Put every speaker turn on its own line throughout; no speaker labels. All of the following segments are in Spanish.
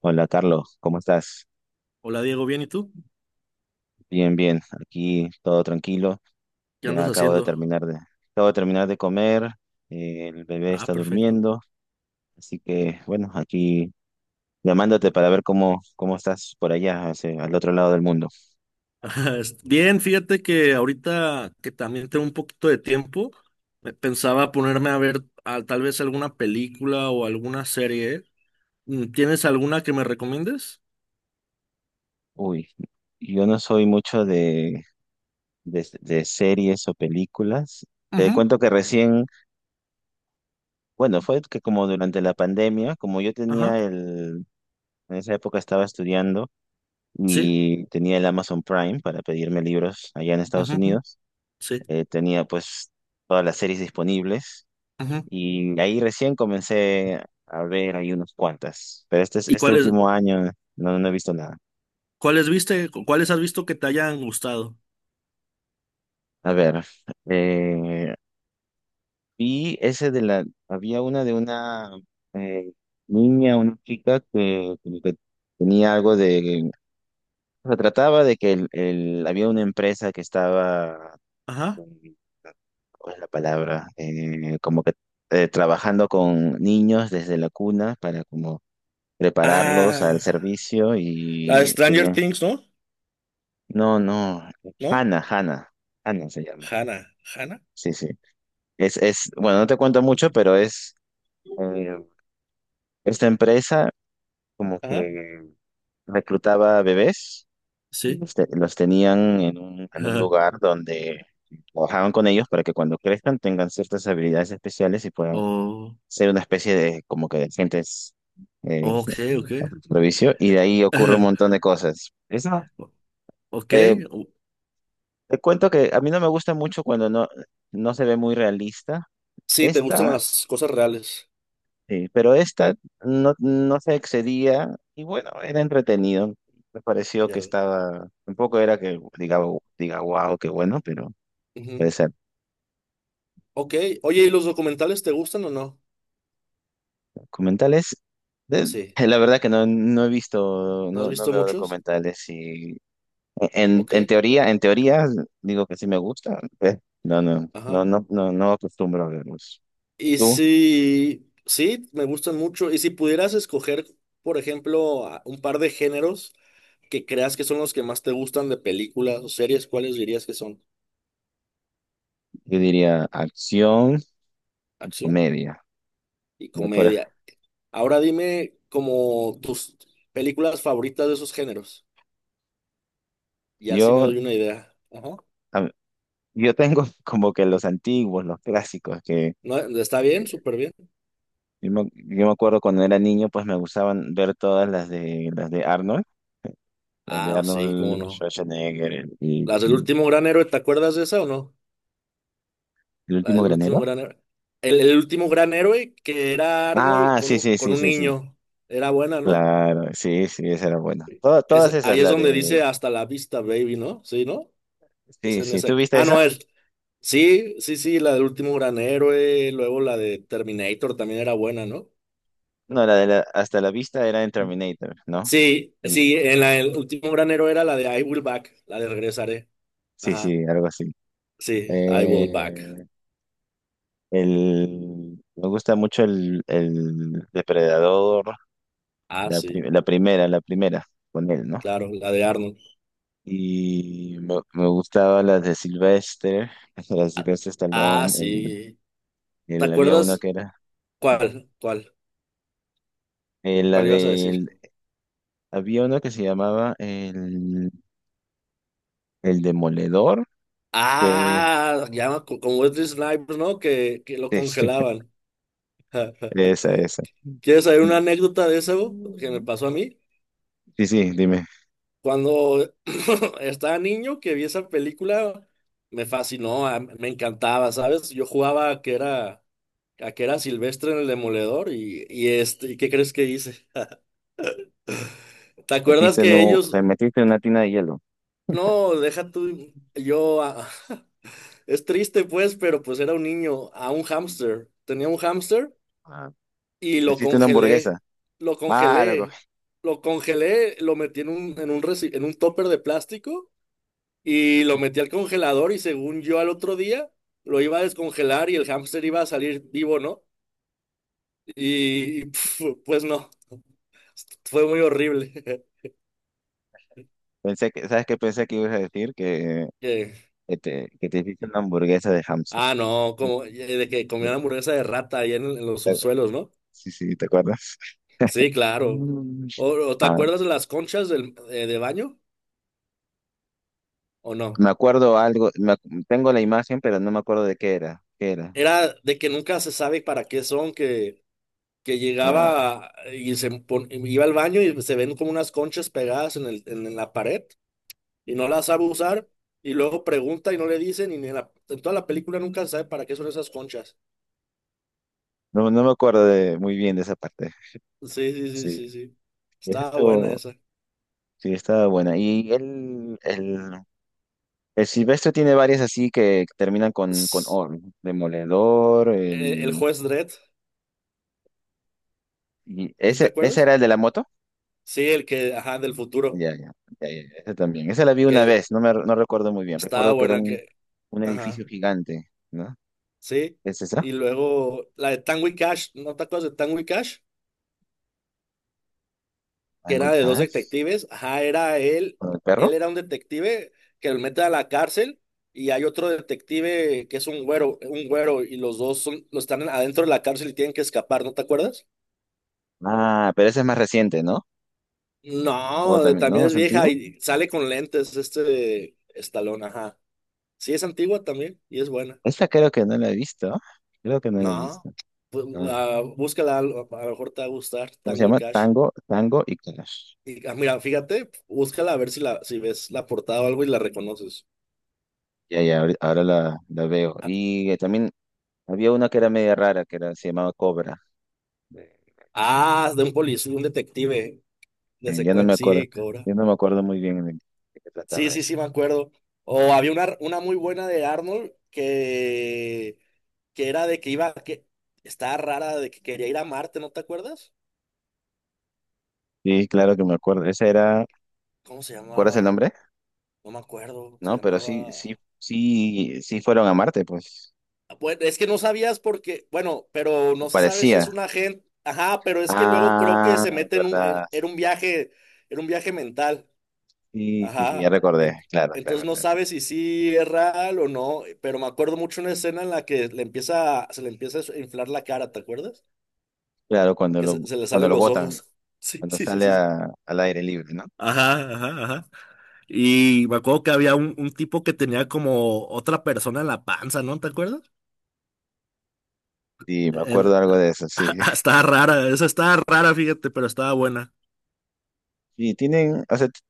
Hola Carlos, ¿cómo estás?
Hola Diego, bien, ¿y tú?
Bien, bien, aquí todo tranquilo.
¿Qué
Ya
andas
acabo de
haciendo?
terminar de, acabo de terminar de comer, el bebé
Ah,
está
perfecto.
durmiendo, así que bueno, aquí llamándote para ver cómo estás por allá, al otro lado del mundo.
Bien, fíjate que ahorita que también tengo un poquito de tiempo, me pensaba ponerme a ver tal vez alguna película o alguna serie. ¿Tienes alguna que me recomiendes?
Uy, yo no soy mucho de series o películas. Te
Ujú,
cuento que recién, bueno, fue que como durante la pandemia, como yo
ajá,
tenía el, en esa época estaba estudiando.
sí,
Y tenía el Amazon Prime para pedirme libros allá en Estados
ujú, ujú,
Unidos.
sí.
Tenía pues todas las series disponibles
Ujú.
y ahí recién comencé a ver ahí unos cuantas, pero este,
¿Y
este
cuáles,
último año no he visto nada.
cuáles viste? ¿Cuáles has visto que te hayan gustado?
A ver, eh, vi ese de la, había una de una eh, niña, una chica que, como que tenía algo de, se trataba de que el, había una empresa que estaba...
Ajá.
eh, ¿Cuál es la palabra? Como que trabajando con niños desde la cuna para como prepararlos al
Ah,
servicio
la de
y
Stranger
tenía,
Things, ¿no?
no, no,
¿No?
Hannah, Hannah, Hannah se llama.
Hannah, Hannah,
Sí, sí. Es, bueno, no te cuento mucho, pero es eh, esta empresa como
ajá.
que reclutaba bebés y
Sí.
los tenían en un lugar donde trabajaban con ellos para que cuando crezcan tengan ciertas habilidades especiales y puedan
O
ser una especie de como que de agentes eh,
ok, ok.
provicio y de ahí ocurre un montón de cosas. Eso,
Ok.
eh,
o-
te cuento que a mí no me gusta mucho cuando no, no se ve muy realista.
Sí, te gustan
Esta,
las cosas reales.
sí, pero esta no se excedía y bueno, era entretenido. Me pareció
Ya
que
veo.
estaba, tampoco era que diga, wow, qué bueno, pero
Ujú.
puede ser.
Ok. Oye, ¿y los documentales te gustan o no?
Documentales, de-
Sí.
la verdad que no, no he visto,
¿No has
no, no
visto
veo
muchos?
documentales y En,
Ok.
en teoría, en teoría, digo que sí me gusta. No, no, no,
Ajá.
no, no, no acostumbro a verlos.
Y
Tú,
si... Sí, me gustan mucho. Y si pudieras escoger, por ejemplo, un par de géneros que creas que son los que más te gustan de películas o series, ¿cuáles dirías que son?
yo diría acción,
Acción
comedia.
y
Por ej-
comedia. Ahora dime como tus películas favoritas de esos géneros. Y así me
yo,
doy una idea. Ajá.
a- yo tengo como que los antiguos, los clásicos, que
No, está bien,
eh,
súper bien.
yo me, acuerdo cuando era niño, pues me gustaban ver todas las de Arnold, las de
Ah, sí, cómo
Arnold
no.
Schwarzenegger y,
Las del
y
último gran héroe, ¿te acuerdas de esa o no?
el
La
último
del último
granero.
gran héroe. El último gran héroe que era Arnold
Ah, sí, sí,
con
sí,
un
sí, sí.
niño. Era buena, ¿no?
Claro, sí, sí, esa era buena. Todas
Es,
esas,
ahí es
la
donde
del...
dice hasta la vista, baby, ¿no? Sí, ¿no? Es
Sí,
en
sí,
esa.
¿tú viste
Ah,
esa?
no, es. Sí, sí, sí, la del último gran héroe. Luego la de Terminator también era buena, ¿no?
No, hasta la vista era en Terminator, ¿no?
Sí,
Y,
sí, en la el último gran héroe era la de I Will Back, la de regresaré.
sí,
Ajá.
sí, algo así.
Sí, I Will Back.
Eh, me gusta mucho el, Depredador,
Ah, sí,
la primera, con él, ¿no?
claro, la de Arnold.
Y me gustaba la de Sylvester, la de Sylvester
Ah,
Stallone, el,
sí. ¿Te
había uno
acuerdas
que era,
cuál? ¿Cuál?
eh, la
¿Cuál ibas a decir?
del, había uno que se llamaba el Demoledor, que...
Ah, ya con Wesley Snipes, ¿no? Que lo
Sí, sí.
congelaban. Ja.
Esa, esa.
¿Quieres saber una
Y-
anécdota de eso que me
Mm.
pasó a mí?
Sí, sí, dime.
Cuando estaba niño que vi esa película, me fascinó, me encantaba, ¿sabes? Yo jugaba a que era Silvestre en el Demoledor y este, ¿y qué crees que hice? ¿Te acuerdas
Metiste en
que
un- te
ellos
metiste en una tina de hielo.
No, deja tú, yo, ah, es triste pues, pero pues era un niño, a un hámster, tenía un hámster
Ah,
y
te
lo
hiciste una hamburguesa.
congelé, lo
Ah, loco.
congelé, lo congelé, lo metí en un, en un, en un topper de plástico y lo metí al congelador y según yo al otro día lo iba a descongelar y el hámster iba a salir vivo, ¿no? Y pues no, fue muy horrible.
Pensé que, ¿sabes qué pensé que ibas a decir? Que,
Que-
que te, que te hiciste una hamburguesa de hámster.
Ah, no, como de que comían hamburguesa de rata ahí en los subsuelos, ¿no?
Sí, sí, ¿te acuerdas?
Sí, claro.
Mm.
O te
Ah,
acuerdas de las conchas del, de baño o no?
me acuerdo algo, tengo la imagen, pero no me acuerdo de qué era, qué era.
Era de que nunca se sabe para qué son, que
Ah,
llegaba y iba al baño y se ven como unas conchas pegadas en el, en la pared y no las sabe usar y luego pregunta y no le dicen y ni en, en toda la película nunca se sabe para qué son esas conchas.
no, no me acuerdo muy bien de esa parte.
Sí, sí, sí,
Sí,
sí, sí.
eso
Estaba buena
estuvo,
esa.
sí, estaba buena. El Silvestre tiene varias así que terminan con,
S-
O, ¿no? Demoledor,
El
el...
juez Dredd,
Y
¿sí ¿te
ese
acuerdas?
era el de la moto.
Sí, el que, ajá, del futuro,
Ya, ya, ya, ya, ese también. Esa la vi una
que
vez, no recuerdo muy bien.
estaba
Recuerdo que era
buena,
un,
que,
un
ajá.
edificio gigante, ¿no?
Sí,
¿Es esa?
y luego la de Tango y Cash, ¿no te acuerdas de Tango y Cash? Que
¿Tango y
era de dos
Cash?
detectives, ajá, era él,
¿Con el
él
perro?
era un detective que lo mete a la cárcel y hay otro detective que es un güero y los dos son, los están adentro de la cárcel y tienen que escapar, ¿no te acuerdas?
Ah, pero ese es más reciente, ¿no? O
No,
también, ¿no?
también es
¿Es
vieja
antiguo?
y sale con lentes este Estalón, ajá. Sí, es antigua también y es buena.
Esta creo que no la he visto. Creo que no la he
No,
visto.
pues,
Ah,
ah, búscala, a lo mejor te va a gustar,
¿cómo se
Tango y
llama?
Cash.
Tango, Tango y Cash.
Y, ah, mira, fíjate, búscala a ver si la, si ves la portada o algo y la reconoces.
Ya, ya, ahora la veo. Y también había una que era media rara, que era, se llamaba Cobra.
Ah, de un policía, un detective
Sí, ya no me acuerdo,
Sí, Cobra.
ya no me acuerdo muy bien de qué
Sí,
trataba
sí,
eso.
sí, me acuerdo. O había una muy buena de Arnold que era de que iba, que estaba rara, de que quería ir a Marte, ¿no te acuerdas?
Sí, claro que me acuerdo. Esa era,
¿Cómo se
¿recuerdas el
llamaba?
nombre?
No me acuerdo. Se
No, pero sí, sí,
llamaba.
sí, sí fueron a Marte, pues.
Bueno, es que no sabías porque, bueno, pero no se sabe si es
Parecía.
un agente. Ajá, pero es que luego creo que
Ah,
se mete en un,
verdad.
era un viaje mental.
Sí, sí, sí, ya
Ajá.
recordé.
Ent-
Claro,
entonces
claro,
no
claro.
sabes si sí es real o no, pero me acuerdo mucho una escena en la que le empieza, se le empieza a inflar la cara, ¿te acuerdas?
Claro, cuando
Que
lo,
se le
cuando
salen
lo
los
botan,
ojos. Sí,
cuando
sí, sí,
sale
sí. sí.
al aire libre, ¿no?
Ajá, ajá, ajá. Y me acuerdo que había un tipo que tenía como otra persona en la panza, ¿no? ¿Te acuerdas?
Sí, me acuerdo algo de eso, sí.
Estaba rara, esa estaba rara, fíjate, pero estaba buena.
Y tienen, o sea,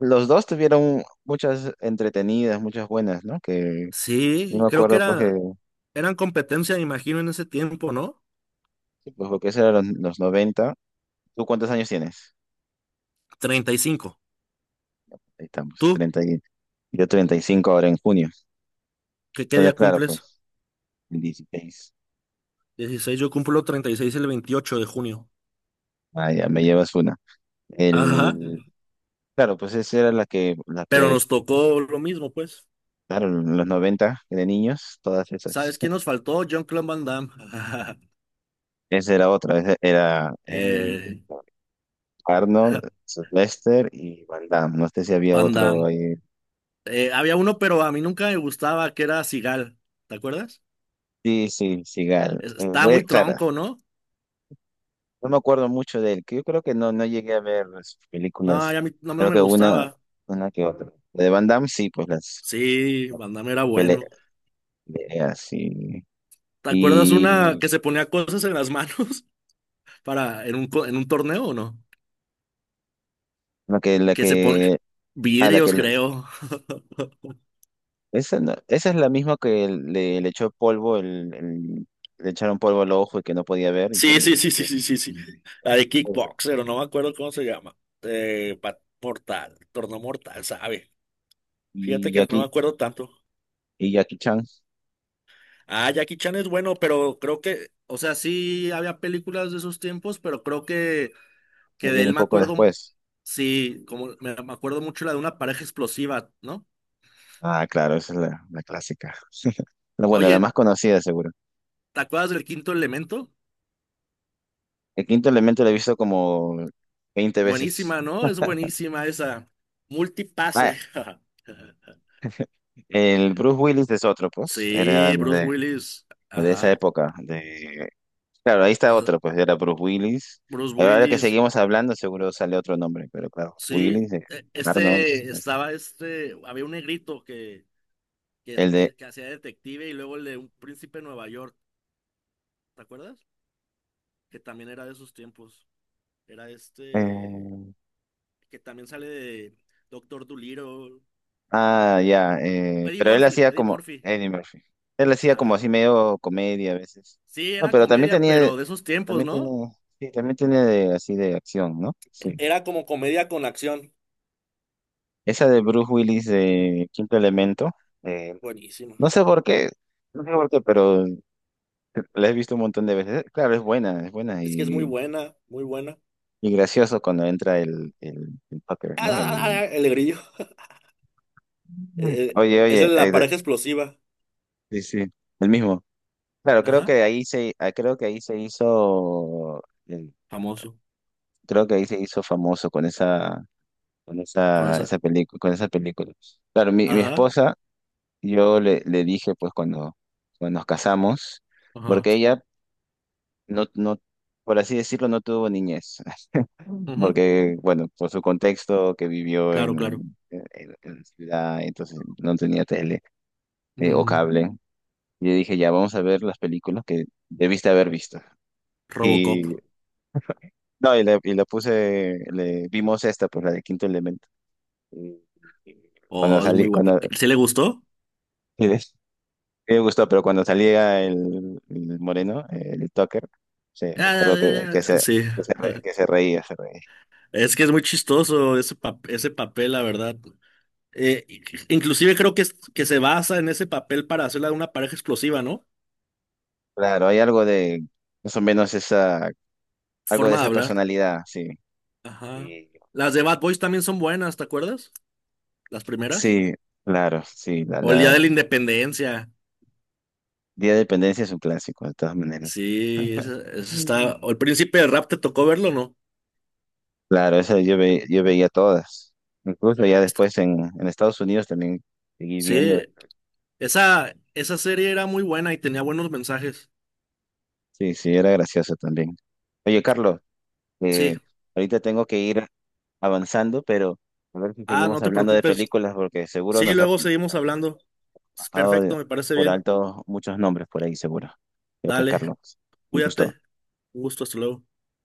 los dos tuvieron muchas entretenidas, muchas buenas, ¿no? Que yo
Sí,
me
creo que
acuerdo pues que,
era, eran competencia, me imagino, en ese tiempo, ¿no?
sí, pues, porque eso era los, 90. ¿Tú cuántos años tienes?
35.
Ahí estamos,
¿Tú
30 y yo 35 ahora en junio.
qué, qué
Entonces,
día
claro,
cumples?
pues, el 16.
16, yo cumplo 36 el 28 de junio.
Ah, ya me llevas una.
Ajá,
El, claro, pues esa era la que, la
pero
que,
nos tocó lo mismo, pues.
claro, en los 90 de niños, todas esas.
¿Sabes quién nos faltó? Jean-Claude Van Damme.
Esa era otra, esa era
Eh,
Arnold, Lester y Van Damme. No sé si había
Van
otro
Damme.
ahí.
Había uno, pero a mí nunca me gustaba, que era Sigal, ¿te acuerdas?
Sí, sí, Sigal. Eh,
Estaba
ve-
muy
claro,
tronco, ¿no?
no me acuerdo mucho de él, que yo creo que no llegué a ver sus
No,
películas,
ya a mí no
creo
me
que una,
gustaba.
una que otra. La de Van Damme, sí, pues las
Sí, Van era
pele-
bueno.
peleas, sí.
¿Te acuerdas una
Y
que se ponía cosas en las manos para en un en un torneo o no?
la
Que se pone
que, a la que,
vidrios, creo.
esa, esa es la misma que le echó polvo, el, le echaron polvo al ojo y que no podía ver, y que,
Sí,
no,
sí, sí, sí,
y
sí, sí, sí. La de
esa.
Kickboxer, o no me acuerdo cómo se llama. Mortal, torneo mortal, ¿sabe? Fíjate
Y
que no me
Jackie,
acuerdo tanto.
y Jackie Chan,
Ah, Jackie Chan es bueno, pero creo que, o sea, sí había películas de esos tiempos, pero creo que
él
de
viene
él
un
me
poco
acuerdo,
después.
sí, como me acuerdo mucho la de una pareja explosiva, ¿no?
Ah, claro, esa es la, clásica. Bueno, la
Oye,
más conocida, seguro.
¿te acuerdas del quinto elemento?
El quinto elemento lo he visto como 20 veces.
Buenísima, ¿no? Es buenísima esa.
Ah,
Multipase.
el Bruce Willis es otro, pues. Era
Sí, Bruce
de,
Willis.
de esa
Ajá.
época. De... Claro, ahí está
Eh,
otro, pues. Era Bruce Willis.
Bruce
Ahora que
Willis.
seguimos hablando, seguro sale otro nombre. Pero claro,
Sí.
Willis, Arnold,
Este estaba este. Había un negrito que,
el de...
que hacía detective y luego el de un príncipe de Nueva York. ¿Te acuerdas? Que también era de esos tiempos. Era este.
eh,
Que también sale de Doctor Dolittle.
ah, ya.
Eddie
Pero él
Murphy.
hacía
Eddie
como...
Murphy.
Eddie Murphy. Él hacía como
Ajá.
así medio comedia a veces.
Sí,
No,
era
pero también
comedia,
tenía.
pero de esos tiempos,
También
¿no?
tiene. Sí, también tiene así de acción, ¿no? Sí.
Era como comedia con acción.
Esa de Bruce Willis de Quinto Elemento, eh,
Buenísima.
no sé por qué, no sé por qué, pero la he visto un montón de veces. Claro, es buena
Es que es muy
y,
buena, muy buena.
y gracioso cuando entra el, el Tucker,
¡Ah!
¿no?
Ah, ah! El grillo. Eh, eh,
Oye,
esa
oye,
es la pareja explosiva.
sí, sí, el mismo. Claro,
Ajá.
creo que ahí se hizo,
Famoso.
creo que ahí se hizo famoso con esa,
Con esa-
esa película, con esa película. Claro, mi
Ajá.
esposa, yo le dije, pues cuando, nos casamos,
Ajá.
porque ella no, no, por así decirlo, no tuvo niñez,
Ujú.
porque, bueno, por su contexto que vivió
Claro, claro.
en, en la ciudad, entonces no tenía tele, o
Mm.
cable. Y yo dije, ya, vamos a ver las películas que debiste haber visto.
Robocop.
Y, no, y le, puse, le vimos esta, pues la de Quinto Elemento. Y- y cuando
Oh, es muy
salí,
bueno.
cuando,
¿Sí le gustó?
y les- y me gustó, pero cuando salía el moreno, el Tucker, sí, me
Ah,
acuerdo
ah, ah, ah, sí.
que se reía, se reía.
Es que es muy chistoso ese, ese papel, la verdad. Eh, i- inclusive creo que, que se basa en ese papel para hacerla una pareja explosiva, ¿no?
Claro, hay algo de más o menos esa, algo de
Forma de
esa
hablar.
personalidad, sí.
Ajá.
Y
Las de Bad Boys también son buenas, ¿te acuerdas? Las primeras.
Sí, claro, sí, la,
O el Día de
la
la Independencia.
Día de Dependencia es un clásico, de todas maneras.
Sí, esa
Mm.
está. O el Príncipe de Rap, ¿te tocó verlo, no?
Claro, esa yo veía todas. Incluso ya
Está-
después en Estados Unidos también seguí viendo.
Sí, esa serie era muy buena y tenía buenos mensajes.
Sí, sí, era gracioso también. Oye, Carlos,
Sí.
eh, ahorita tengo que ir avanzando, pero a ver si
Ah,
seguimos
no te
hablando de
preocupes.
películas porque seguro
Sí,
nos ha,
luego seguimos hablando. Es
pasado
perfecto, me parece
por
bien.
alto muchos nombres por ahí, seguro. Ya pues,
Dale,
Carlos, un gusto.
cuídate. Un gusto, hasta luego.